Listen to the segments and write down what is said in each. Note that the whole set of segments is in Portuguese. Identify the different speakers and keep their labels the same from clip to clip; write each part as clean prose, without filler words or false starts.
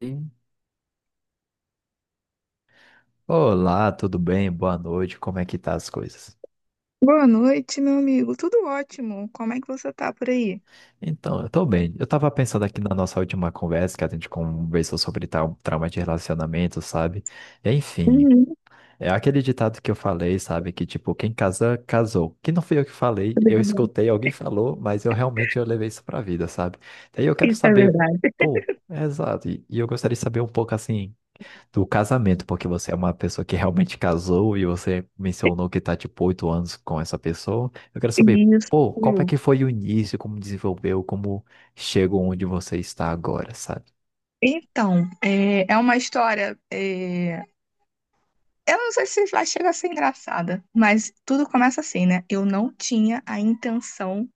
Speaker 1: Sim. Olá, tudo bem? Boa noite. Como é que tá as coisas?
Speaker 2: Boa noite, meu amigo. Tudo ótimo. Como é que você tá por aí?
Speaker 1: Então, eu tô bem. Eu tava pensando aqui na nossa última conversa, que a gente conversou sobre tal trauma de relacionamento, sabe? Enfim,
Speaker 2: Uhum,
Speaker 1: é aquele ditado que eu falei, sabe? Que tipo, quem casa, casou. Que não fui eu que falei, eu escutei, alguém falou, mas eu realmente eu levei isso pra vida, sabe? Daí eu quero
Speaker 2: isso é
Speaker 1: saber,
Speaker 2: verdade.
Speaker 1: pô, é exato. E eu gostaria de saber um pouco assim. Do casamento, porque você é uma pessoa que realmente casou e você mencionou que tá tipo 8 anos com essa pessoa. Eu quero saber,
Speaker 2: Isso.
Speaker 1: pô, como é que foi o início, como desenvolveu, como chegou onde você está agora, sabe?
Speaker 2: Então, é uma história. Eu não sei se vai chegar a ser engraçada, mas tudo começa assim, né? Eu não tinha a intenção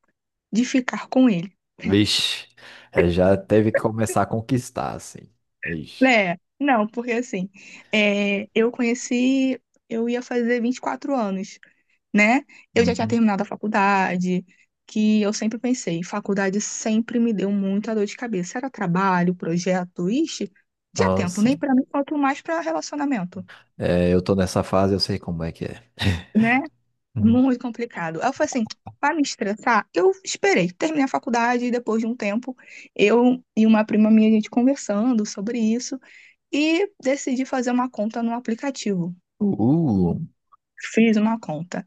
Speaker 2: de ficar com ele.
Speaker 1: Vixe, é, já teve que começar a conquistar, assim. Ixi.
Speaker 2: Né? Não, porque assim, eu conheci. Eu ia fazer 24 anos, né? Eu já tinha
Speaker 1: Uhum.
Speaker 2: terminado a faculdade, que eu sempre pensei, faculdade sempre me deu muita dor de cabeça. Era trabalho, projeto, ixi, tinha tempo,
Speaker 1: Nossa,
Speaker 2: nem pra mim, quanto mais pra relacionamento,
Speaker 1: é, eu tô nessa fase, eu sei como é que é.
Speaker 2: né?
Speaker 1: Uhum.
Speaker 2: Muito complicado. Aí eu falei assim, pra me estressar, eu esperei, terminei a faculdade e depois de um tempo, eu e uma prima minha, a gente conversando sobre isso e decidi fazer uma conta no aplicativo.
Speaker 1: Uh,
Speaker 2: Fiz uma conta.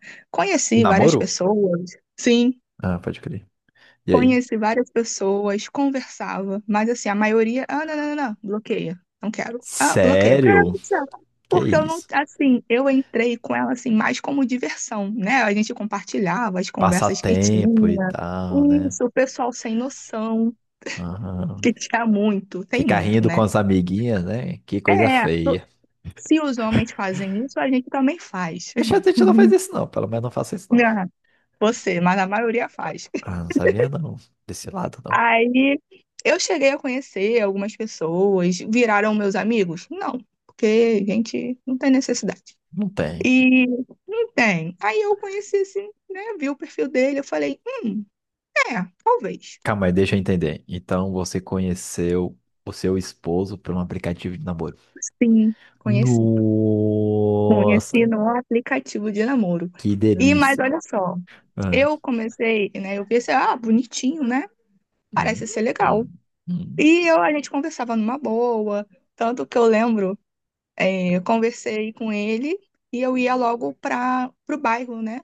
Speaker 1: e
Speaker 2: Conheci várias
Speaker 1: namoro?
Speaker 2: pessoas. Sim.
Speaker 1: Ah, pode crer. E aí?
Speaker 2: Conheci várias pessoas, conversava, mas assim, a maioria, ah, não, não, não, não, bloqueia, não quero. Ah, bloqueia, porque eu era
Speaker 1: Sério?
Speaker 2: muito sério.
Speaker 1: Que
Speaker 2: Porque eu não,
Speaker 1: isso?
Speaker 2: assim, eu entrei com ela assim mais como diversão, né? A gente compartilhava as
Speaker 1: Passar
Speaker 2: conversas que
Speaker 1: tempo e
Speaker 2: tinha.
Speaker 1: tal, né?
Speaker 2: Isso, o pessoal sem noção,
Speaker 1: Ah,
Speaker 2: que tinha muito, tem
Speaker 1: ficar
Speaker 2: muito,
Speaker 1: rindo com
Speaker 2: né?
Speaker 1: as amiguinhas, né? Que coisa
Speaker 2: É, é,
Speaker 1: feia.
Speaker 2: se os homens fazem isso, a gente também faz.
Speaker 1: Poxa, a gente não faz isso não, pelo menos não faça isso não.
Speaker 2: Né? Você, mas a maioria faz.
Speaker 1: Ah, não sabia não, desse lado não.
Speaker 2: Aí eu cheguei a conhecer algumas pessoas, viraram meus amigos? Não, porque a gente não tem necessidade.
Speaker 1: Não tem.
Speaker 2: E não tem. Aí eu conheci assim, né? Vi o perfil dele, eu falei, é, talvez.
Speaker 1: Calma aí, deixa eu entender. Então você conheceu o seu esposo por um aplicativo de namoro.
Speaker 2: Sim, conheci. Conheci
Speaker 1: Nossa,
Speaker 2: no aplicativo de namoro.
Speaker 1: que
Speaker 2: Mas
Speaker 1: delícia.
Speaker 2: olha só,
Speaker 1: Ah,
Speaker 2: eu comecei, né? Eu pensei, ah, bonitinho, né?
Speaker 1: hum,
Speaker 2: Parece ser legal.
Speaker 1: hum, hum.
Speaker 2: E eu, a gente conversava numa boa. Tanto que eu lembro. Eu conversei com ele e eu ia logo para o bairro, né?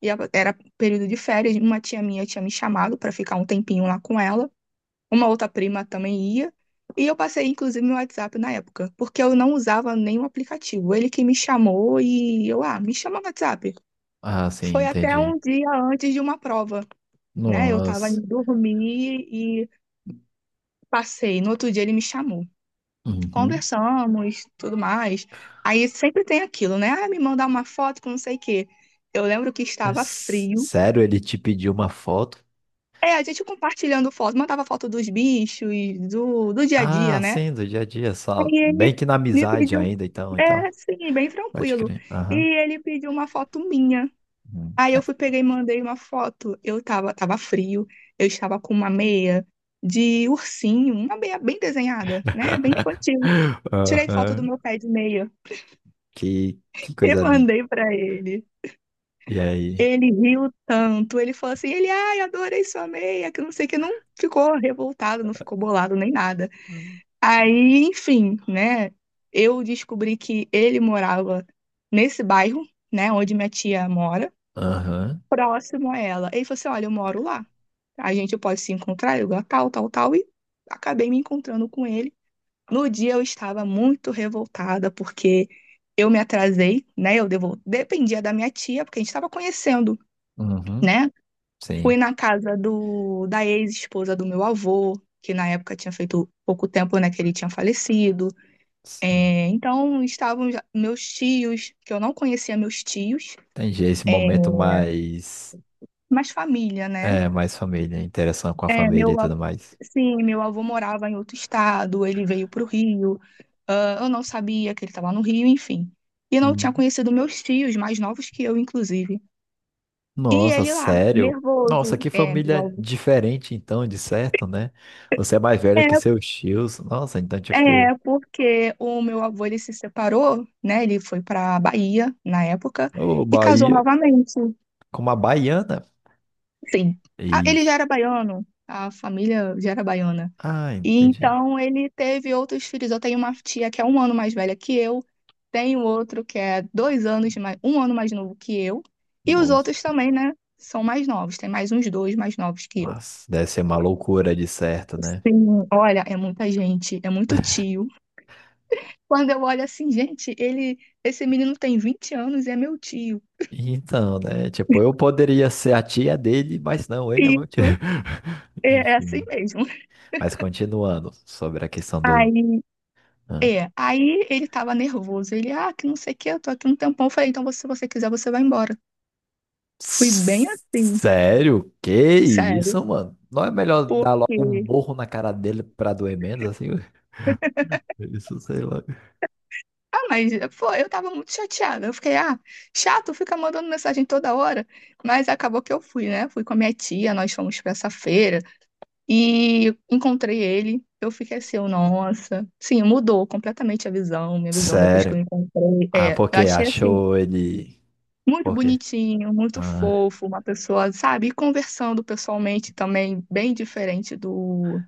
Speaker 2: Era período de férias, uma tia minha tinha me chamado para ficar um tempinho lá com ela, uma outra prima também ia. E eu passei, inclusive, meu WhatsApp na época, porque eu não usava nenhum aplicativo. Ele que me chamou e eu, ah, me chama no WhatsApp.
Speaker 1: Ah, sim,
Speaker 2: Foi até
Speaker 1: entendi.
Speaker 2: um dia antes de uma prova, né? Eu tava
Speaker 1: Nossa.
Speaker 2: indo dormir e passei. No outro dia ele me chamou.
Speaker 1: Uhum.
Speaker 2: Conversamos, tudo mais. Aí sempre tem aquilo, né? Ah, me mandar uma foto com não sei o quê. Eu lembro que estava frio.
Speaker 1: Sério, ele te pediu uma foto?
Speaker 2: É, a gente compartilhando foto, mandava foto dos bichos, do dia a dia,
Speaker 1: Ah,
Speaker 2: né?
Speaker 1: sim, do dia a dia, só.
Speaker 2: Aí ele
Speaker 1: Bem que na
Speaker 2: me
Speaker 1: amizade
Speaker 2: pediu,
Speaker 1: ainda, então, então.
Speaker 2: é, sim, bem
Speaker 1: Pode
Speaker 2: tranquilo.
Speaker 1: crer.
Speaker 2: E
Speaker 1: Aham.
Speaker 2: ele pediu uma foto minha.
Speaker 1: Hum.
Speaker 2: Aí eu fui, peguei e mandei uma foto. Eu tava frio, eu estava com uma meia de ursinho, uma meia bem desenhada, né? Bem infantil. Tirei foto
Speaker 1: Aham.
Speaker 2: do meu pé de meia.
Speaker 1: Que
Speaker 2: Eu
Speaker 1: coisa linda.
Speaker 2: mandei pra ele.
Speaker 1: E aí?
Speaker 2: Ele riu tanto. Ele falou assim: ele, ai, adorei sua meia, que não sei o que. Não ficou revoltado, não ficou bolado nem nada.
Speaker 1: Uhum.
Speaker 2: Aí, enfim, né? Eu descobri que ele morava nesse bairro, né, onde minha tia mora,
Speaker 1: Aham.
Speaker 2: próximo a ela. Ele falou assim: olha, eu moro lá. A gente pode se encontrar, eu lugar tal, tal, tal. E acabei me encontrando com ele. No dia eu estava muito revoltada porque eu me atrasei, né? Dependia da minha tia, porque a gente estava conhecendo,
Speaker 1: Uhum.
Speaker 2: né?
Speaker 1: Sim,
Speaker 2: Fui na casa da ex-esposa do meu avô, que na época tinha feito pouco tempo, né, que ele tinha falecido.
Speaker 1: sim.
Speaker 2: É, então estavam meus tios, que eu não conhecia meus tios,
Speaker 1: Entendi. Esse
Speaker 2: é...
Speaker 1: momento mais.
Speaker 2: mas família, né?
Speaker 1: É, mais família, interação com a
Speaker 2: É,
Speaker 1: família e
Speaker 2: meu, av-
Speaker 1: tudo mais.
Speaker 2: sim, meu avô morava em outro estado, ele veio para o Rio, ah, eu não sabia que ele estava no Rio, enfim. E não tinha
Speaker 1: Hum.
Speaker 2: conhecido meus tios, mais novos que eu, inclusive. E
Speaker 1: Nossa,
Speaker 2: ele lá,
Speaker 1: sério? Nossa,
Speaker 2: nervoso.
Speaker 1: que
Speaker 2: É, meu
Speaker 1: família
Speaker 2: avô.
Speaker 1: diferente, então, de certo, né? Você é mais velha que
Speaker 2: É,
Speaker 1: seus tios. Nossa, então, tipo.
Speaker 2: porque o meu avô, ele se separou, né? Ele foi para Bahia, na época,
Speaker 1: Ô,
Speaker 2: e casou
Speaker 1: Bahia.
Speaker 2: novamente.
Speaker 1: Com uma baiana?
Speaker 2: Sim, ah, ele já
Speaker 1: Ixi.
Speaker 2: era baiano, a família já era baiana.
Speaker 1: Ah,
Speaker 2: E
Speaker 1: entendi.
Speaker 2: então ele teve outros filhos. Eu tenho uma tia que é um ano mais velha que eu, tenho outro que é 2 anos, mais, um ano mais novo que eu, e os
Speaker 1: Nossa,
Speaker 2: outros também, né? São mais novos, tem mais uns dois mais novos que eu.
Speaker 1: mas deve ser uma loucura de certo, né?
Speaker 2: Sim, olha, é muita gente, é muito tio. Quando eu olho assim, gente, ele, esse menino tem 20 anos e é meu tio.
Speaker 1: Então, né? Tipo, eu poderia ser a tia dele, mas não, ele é meu tio.
Speaker 2: Isso, é assim
Speaker 1: Enfim.
Speaker 2: mesmo.
Speaker 1: Mas continuando sobre a questão do.
Speaker 2: Aí,
Speaker 1: Ah.
Speaker 2: aí ele tava nervoso. Ele, ah, que não sei o que, eu tô aqui um tempão. Eu falei, então, se você quiser, você vai embora. Fui bem assim.
Speaker 1: Sério? Que
Speaker 2: Sério,
Speaker 1: isso, mano? Não é melhor dar logo um
Speaker 2: porque.
Speaker 1: morro na cara dele pra doer menos, assim? Isso, sei lá.
Speaker 2: Ah, mas pô, eu tava muito chateada. Eu fiquei, ah, chato, fica mandando mensagem toda hora. Mas acabou que eu fui, né? Fui com a minha tia, nós fomos pra essa feira e encontrei ele. Eu fiquei assim, eu, nossa. Sim, mudou completamente a visão, minha visão depois que eu
Speaker 1: Sério.
Speaker 2: encontrei.
Speaker 1: Ah,
Speaker 2: É, eu
Speaker 1: porque
Speaker 2: achei assim,
Speaker 1: achou ele.
Speaker 2: muito
Speaker 1: Por quê?
Speaker 2: bonitinho, muito
Speaker 1: Ah,
Speaker 2: fofo, uma pessoa, sabe? E conversando pessoalmente também, bem diferente do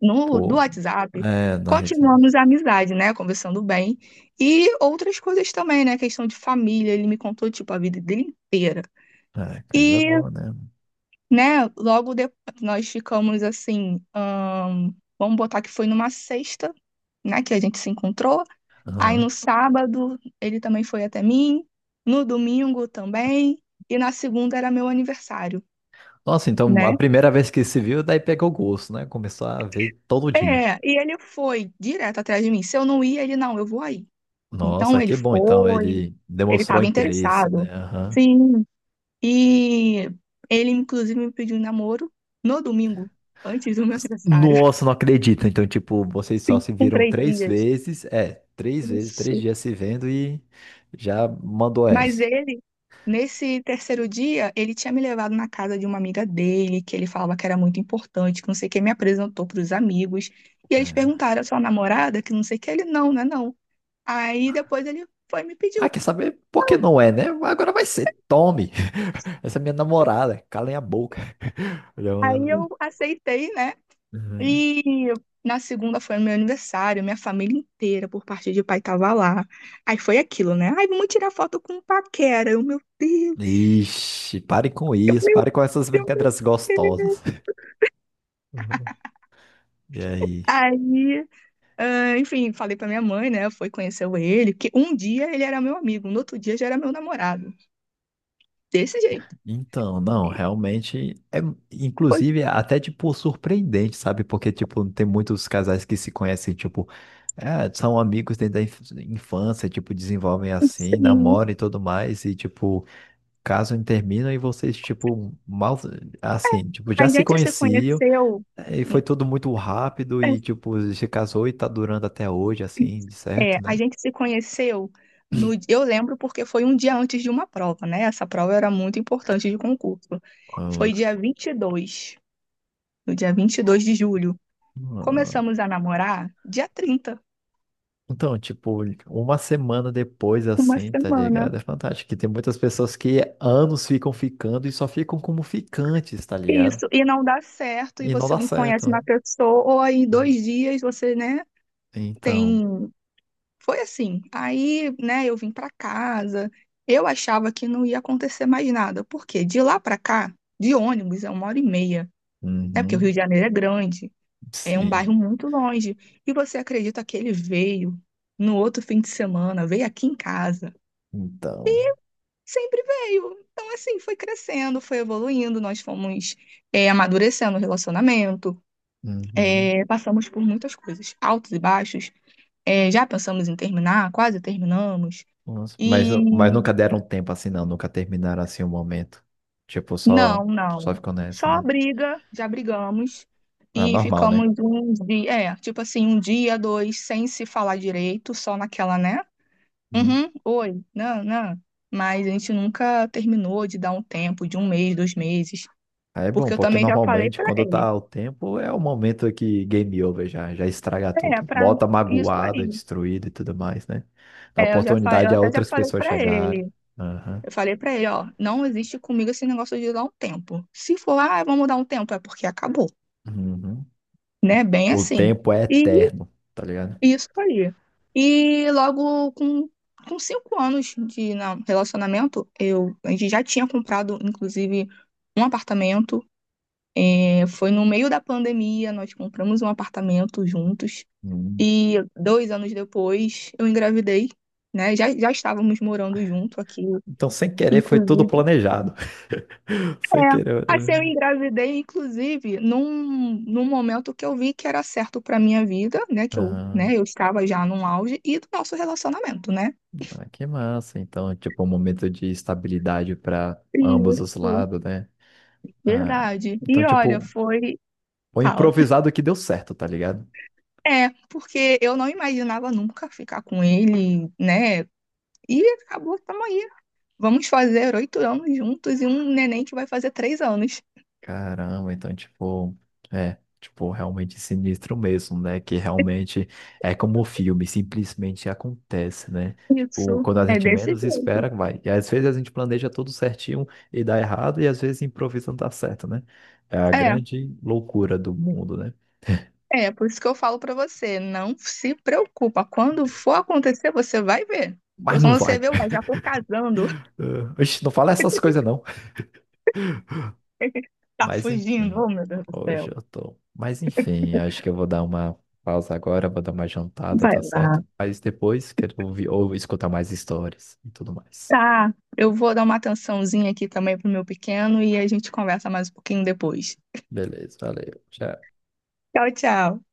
Speaker 2: no, do
Speaker 1: pô.
Speaker 2: WhatsApp,
Speaker 1: É, na Rede.
Speaker 2: continuamos a amizade, né? Conversando bem. E outras coisas também, né? Questão de família, ele me contou, tipo, a vida dele inteira.
Speaker 1: É, coisa
Speaker 2: E,
Speaker 1: boa, né?
Speaker 2: né, logo depois nós ficamos assim, vamos botar que foi numa sexta, né, que a gente se encontrou. Aí
Speaker 1: Aham.
Speaker 2: no sábado ele também foi até mim, no domingo também, e na segunda era meu aniversário,
Speaker 1: Nossa, então a
Speaker 2: né?
Speaker 1: primeira vez que se viu, daí pegou gosto, né? Começou a ver todo dia.
Speaker 2: É, e ele foi direto atrás de mim. Se eu não ia, ele não, eu vou aí.
Speaker 1: Nossa,
Speaker 2: Então ele
Speaker 1: que bom. Então
Speaker 2: foi,
Speaker 1: ele
Speaker 2: ele
Speaker 1: demonstrou
Speaker 2: estava
Speaker 1: interesse, né?
Speaker 2: interessado.
Speaker 1: Aham.
Speaker 2: Sim. E ele, inclusive, me pediu em namoro no domingo, antes do meu aniversário.
Speaker 1: Nossa, não acredito. Então, tipo, vocês só
Speaker 2: Sim,
Speaker 1: se
Speaker 2: com
Speaker 1: viram
Speaker 2: três
Speaker 1: três
Speaker 2: dias.
Speaker 1: vezes. É, três vezes, três
Speaker 2: Isso.
Speaker 1: dias se vendo e já mandou
Speaker 2: Mas
Speaker 1: essa.
Speaker 2: ele, nesse terceiro dia, ele tinha me levado na casa de uma amiga dele, que ele falava que era muito importante, que não sei o que, me apresentou para os amigos. E eles
Speaker 1: É.
Speaker 2: perguntaram, a sua namorada? Que não sei o que. Ele, não, né, não. Aí depois ele foi e me
Speaker 1: Ah,
Speaker 2: pediu.
Speaker 1: quer saber por que não é, né? Agora vai ser. Tome! Essa é minha namorada. Calem a boca. Já
Speaker 2: Aí
Speaker 1: mandou.
Speaker 2: eu aceitei, né? E na segunda foi meu aniversário, minha família inteira, por parte de pai, tava lá. Aí foi aquilo, né? Ai, vamos tirar foto com o Paquera.
Speaker 1: Ixi, pare com
Speaker 2: Eu,
Speaker 1: isso,
Speaker 2: meu
Speaker 1: pare com essas
Speaker 2: Deus,
Speaker 1: brincadeiras
Speaker 2: meu Deus.
Speaker 1: gostosas. Uhum. E aí?
Speaker 2: Aí, ah, enfim, falei pra minha mãe, né? Foi conhecer ele, que um dia ele era meu amigo, no outro dia já era meu namorado. Desse jeito.
Speaker 1: Então, não, realmente é, inclusive, é até, tipo, surpreendente, sabe? Porque, tipo, tem muitos casais que se conhecem, tipo, é, são amigos desde a infância, tipo, desenvolvem assim,
Speaker 2: Sim.
Speaker 1: namoram e tudo mais, e, tipo, casam e terminam, e vocês, tipo, mal, assim, tipo,
Speaker 2: A
Speaker 1: já se
Speaker 2: gente se
Speaker 1: conheciam,
Speaker 2: conheceu.
Speaker 1: e foi tudo muito rápido, e, tipo, se casou e tá durando até hoje, assim, de certo,
Speaker 2: É, a
Speaker 1: né?
Speaker 2: gente se conheceu no, eu lembro porque foi um dia antes de uma prova, né? Essa prova era muito importante de concurso.
Speaker 1: Ah,
Speaker 2: Foi
Speaker 1: louco.
Speaker 2: dia 22, no dia 22 de julho.
Speaker 1: Ah.
Speaker 2: Começamos a namorar dia 30,
Speaker 1: Então, tipo, uma semana depois,
Speaker 2: uma
Speaker 1: assim, tá
Speaker 2: semana.
Speaker 1: ligado? É fantástico. Que tem muitas pessoas que anos ficam ficando e só ficam como ficantes, tá ligado?
Speaker 2: Isso, e não dá certo, e
Speaker 1: E não
Speaker 2: você
Speaker 1: dá
Speaker 2: não conhece
Speaker 1: certo.
Speaker 2: uma pessoa, ou aí em 2 dias você, né,
Speaker 1: Então,
Speaker 2: tem. Foi assim. Aí, né, eu vim pra casa, eu achava que não ia acontecer mais nada, porque de lá pra cá, de ônibus, é uma hora e meia. É porque o Rio
Speaker 1: uhum,
Speaker 2: de Janeiro é grande, é um
Speaker 1: sim,
Speaker 2: bairro muito longe. E você acredita que ele veio no outro fim de semana, veio aqui em casa?
Speaker 1: então,
Speaker 2: Sempre veio. Então, assim, foi crescendo, foi evoluindo, nós fomos amadurecendo o relacionamento,
Speaker 1: uhum.
Speaker 2: é, passamos por muitas coisas, altos e baixos. É, já pensamos em terminar, quase terminamos.
Speaker 1: Nossa, mas,
Speaker 2: E
Speaker 1: mas nunca deram tempo assim, não, nunca terminaram assim o momento. Tipo,
Speaker 2: não,
Speaker 1: só,
Speaker 2: não.
Speaker 1: só ficou nessa,
Speaker 2: Só
Speaker 1: né?
Speaker 2: briga, já brigamos
Speaker 1: Ah,
Speaker 2: e
Speaker 1: normal, né?
Speaker 2: ficamos um dia, é, tipo assim, um dia, dois, sem se falar direito, só naquela, né?
Speaker 1: Uhum.
Speaker 2: Uhum, oi, não, não. Mas a gente nunca terminou de dar um tempo, de um mês, 2 meses,
Speaker 1: Aí é bom,
Speaker 2: porque eu
Speaker 1: porque
Speaker 2: também já falei
Speaker 1: normalmente
Speaker 2: pra
Speaker 1: quando
Speaker 2: ele.
Speaker 1: tá o tempo é o momento que game over já, estraga
Speaker 2: É,
Speaker 1: tudo.
Speaker 2: pra
Speaker 1: Volta
Speaker 2: isso
Speaker 1: magoado,
Speaker 2: aí.
Speaker 1: destruído e tudo mais, né? Dá
Speaker 2: É, eu já falei,
Speaker 1: oportunidade
Speaker 2: eu
Speaker 1: a
Speaker 2: até já
Speaker 1: outras
Speaker 2: falei
Speaker 1: pessoas
Speaker 2: pra
Speaker 1: chegarem.
Speaker 2: ele.
Speaker 1: Aham.
Speaker 2: Eu falei pra ele, ó, não existe comigo esse negócio de dar um tempo. Se for, ah, vamos dar um tempo, é porque acabou,
Speaker 1: Uhum.
Speaker 2: né? Bem
Speaker 1: O
Speaker 2: assim.
Speaker 1: tempo é
Speaker 2: E
Speaker 1: eterno, tá ligado?
Speaker 2: isso aí. E logo com 5 anos de relacionamento, eu, a gente já tinha comprado, inclusive, um apartamento. É, foi no meio da pandemia, nós compramos um apartamento juntos.
Speaker 1: Uhum.
Speaker 2: E 2 anos depois, eu engravidei, né? Já estávamos morando junto aqui,
Speaker 1: Então, sem querer, foi tudo
Speaker 2: inclusive.
Speaker 1: planejado.
Speaker 2: É,
Speaker 1: Sem querer.
Speaker 2: assim, eu engravidei, inclusive, num momento que eu vi que era certo para minha vida, né? Que eu,
Speaker 1: Ah,
Speaker 2: né, eu estava já num auge e do nosso relacionamento, né?
Speaker 1: ah, que massa. Então, tipo, um momento de estabilidade para ambos os
Speaker 2: Isso,
Speaker 1: lados, né? Ah,
Speaker 2: verdade.
Speaker 1: então,
Speaker 2: E olha,
Speaker 1: tipo,
Speaker 2: foi.
Speaker 1: foi
Speaker 2: Fala.
Speaker 1: improvisado que deu certo, tá ligado?
Speaker 2: É, porque eu não imaginava nunca ficar com ele, né? E acabou, tamo aí. Vamos fazer 8 anos juntos e um neném que vai fazer 3 anos.
Speaker 1: Caramba, então, tipo, é, tipo, realmente sinistro mesmo, né? Que realmente é como o filme, simplesmente acontece, né? Tipo,
Speaker 2: Isso,
Speaker 1: quando a
Speaker 2: é
Speaker 1: gente
Speaker 2: desse
Speaker 1: menos
Speaker 2: jeito.
Speaker 1: espera, vai. E às vezes a gente planeja tudo certinho e dá errado, e às vezes improvisa não dá certo, né? É a
Speaker 2: É,
Speaker 1: grande loucura do mundo, né?
Speaker 2: por isso que eu falo pra você, não se preocupa. Quando for acontecer, você vai ver.
Speaker 1: Mas
Speaker 2: Quando
Speaker 1: não
Speaker 2: você
Speaker 1: vai.
Speaker 2: vê, ué, já tô casando,
Speaker 1: Ah, oxe, não fala essas coisas, não.
Speaker 2: tá
Speaker 1: Mas
Speaker 2: fugindo,
Speaker 1: enfim,
Speaker 2: oh meu Deus do
Speaker 1: hoje
Speaker 2: céu.
Speaker 1: eu tô. Mas enfim, acho que eu vou dar uma pausa agora, vou dar uma jantada,
Speaker 2: Vai
Speaker 1: tá
Speaker 2: lá.
Speaker 1: certo? Mas depois quero ouvir ou escutar mais histórias e tudo mais.
Speaker 2: Tá, eu vou dar uma atençãozinha aqui também pro meu pequeno e a gente conversa mais um pouquinho depois.
Speaker 1: Beleza, valeu. Tchau.
Speaker 2: Tchau, tchau.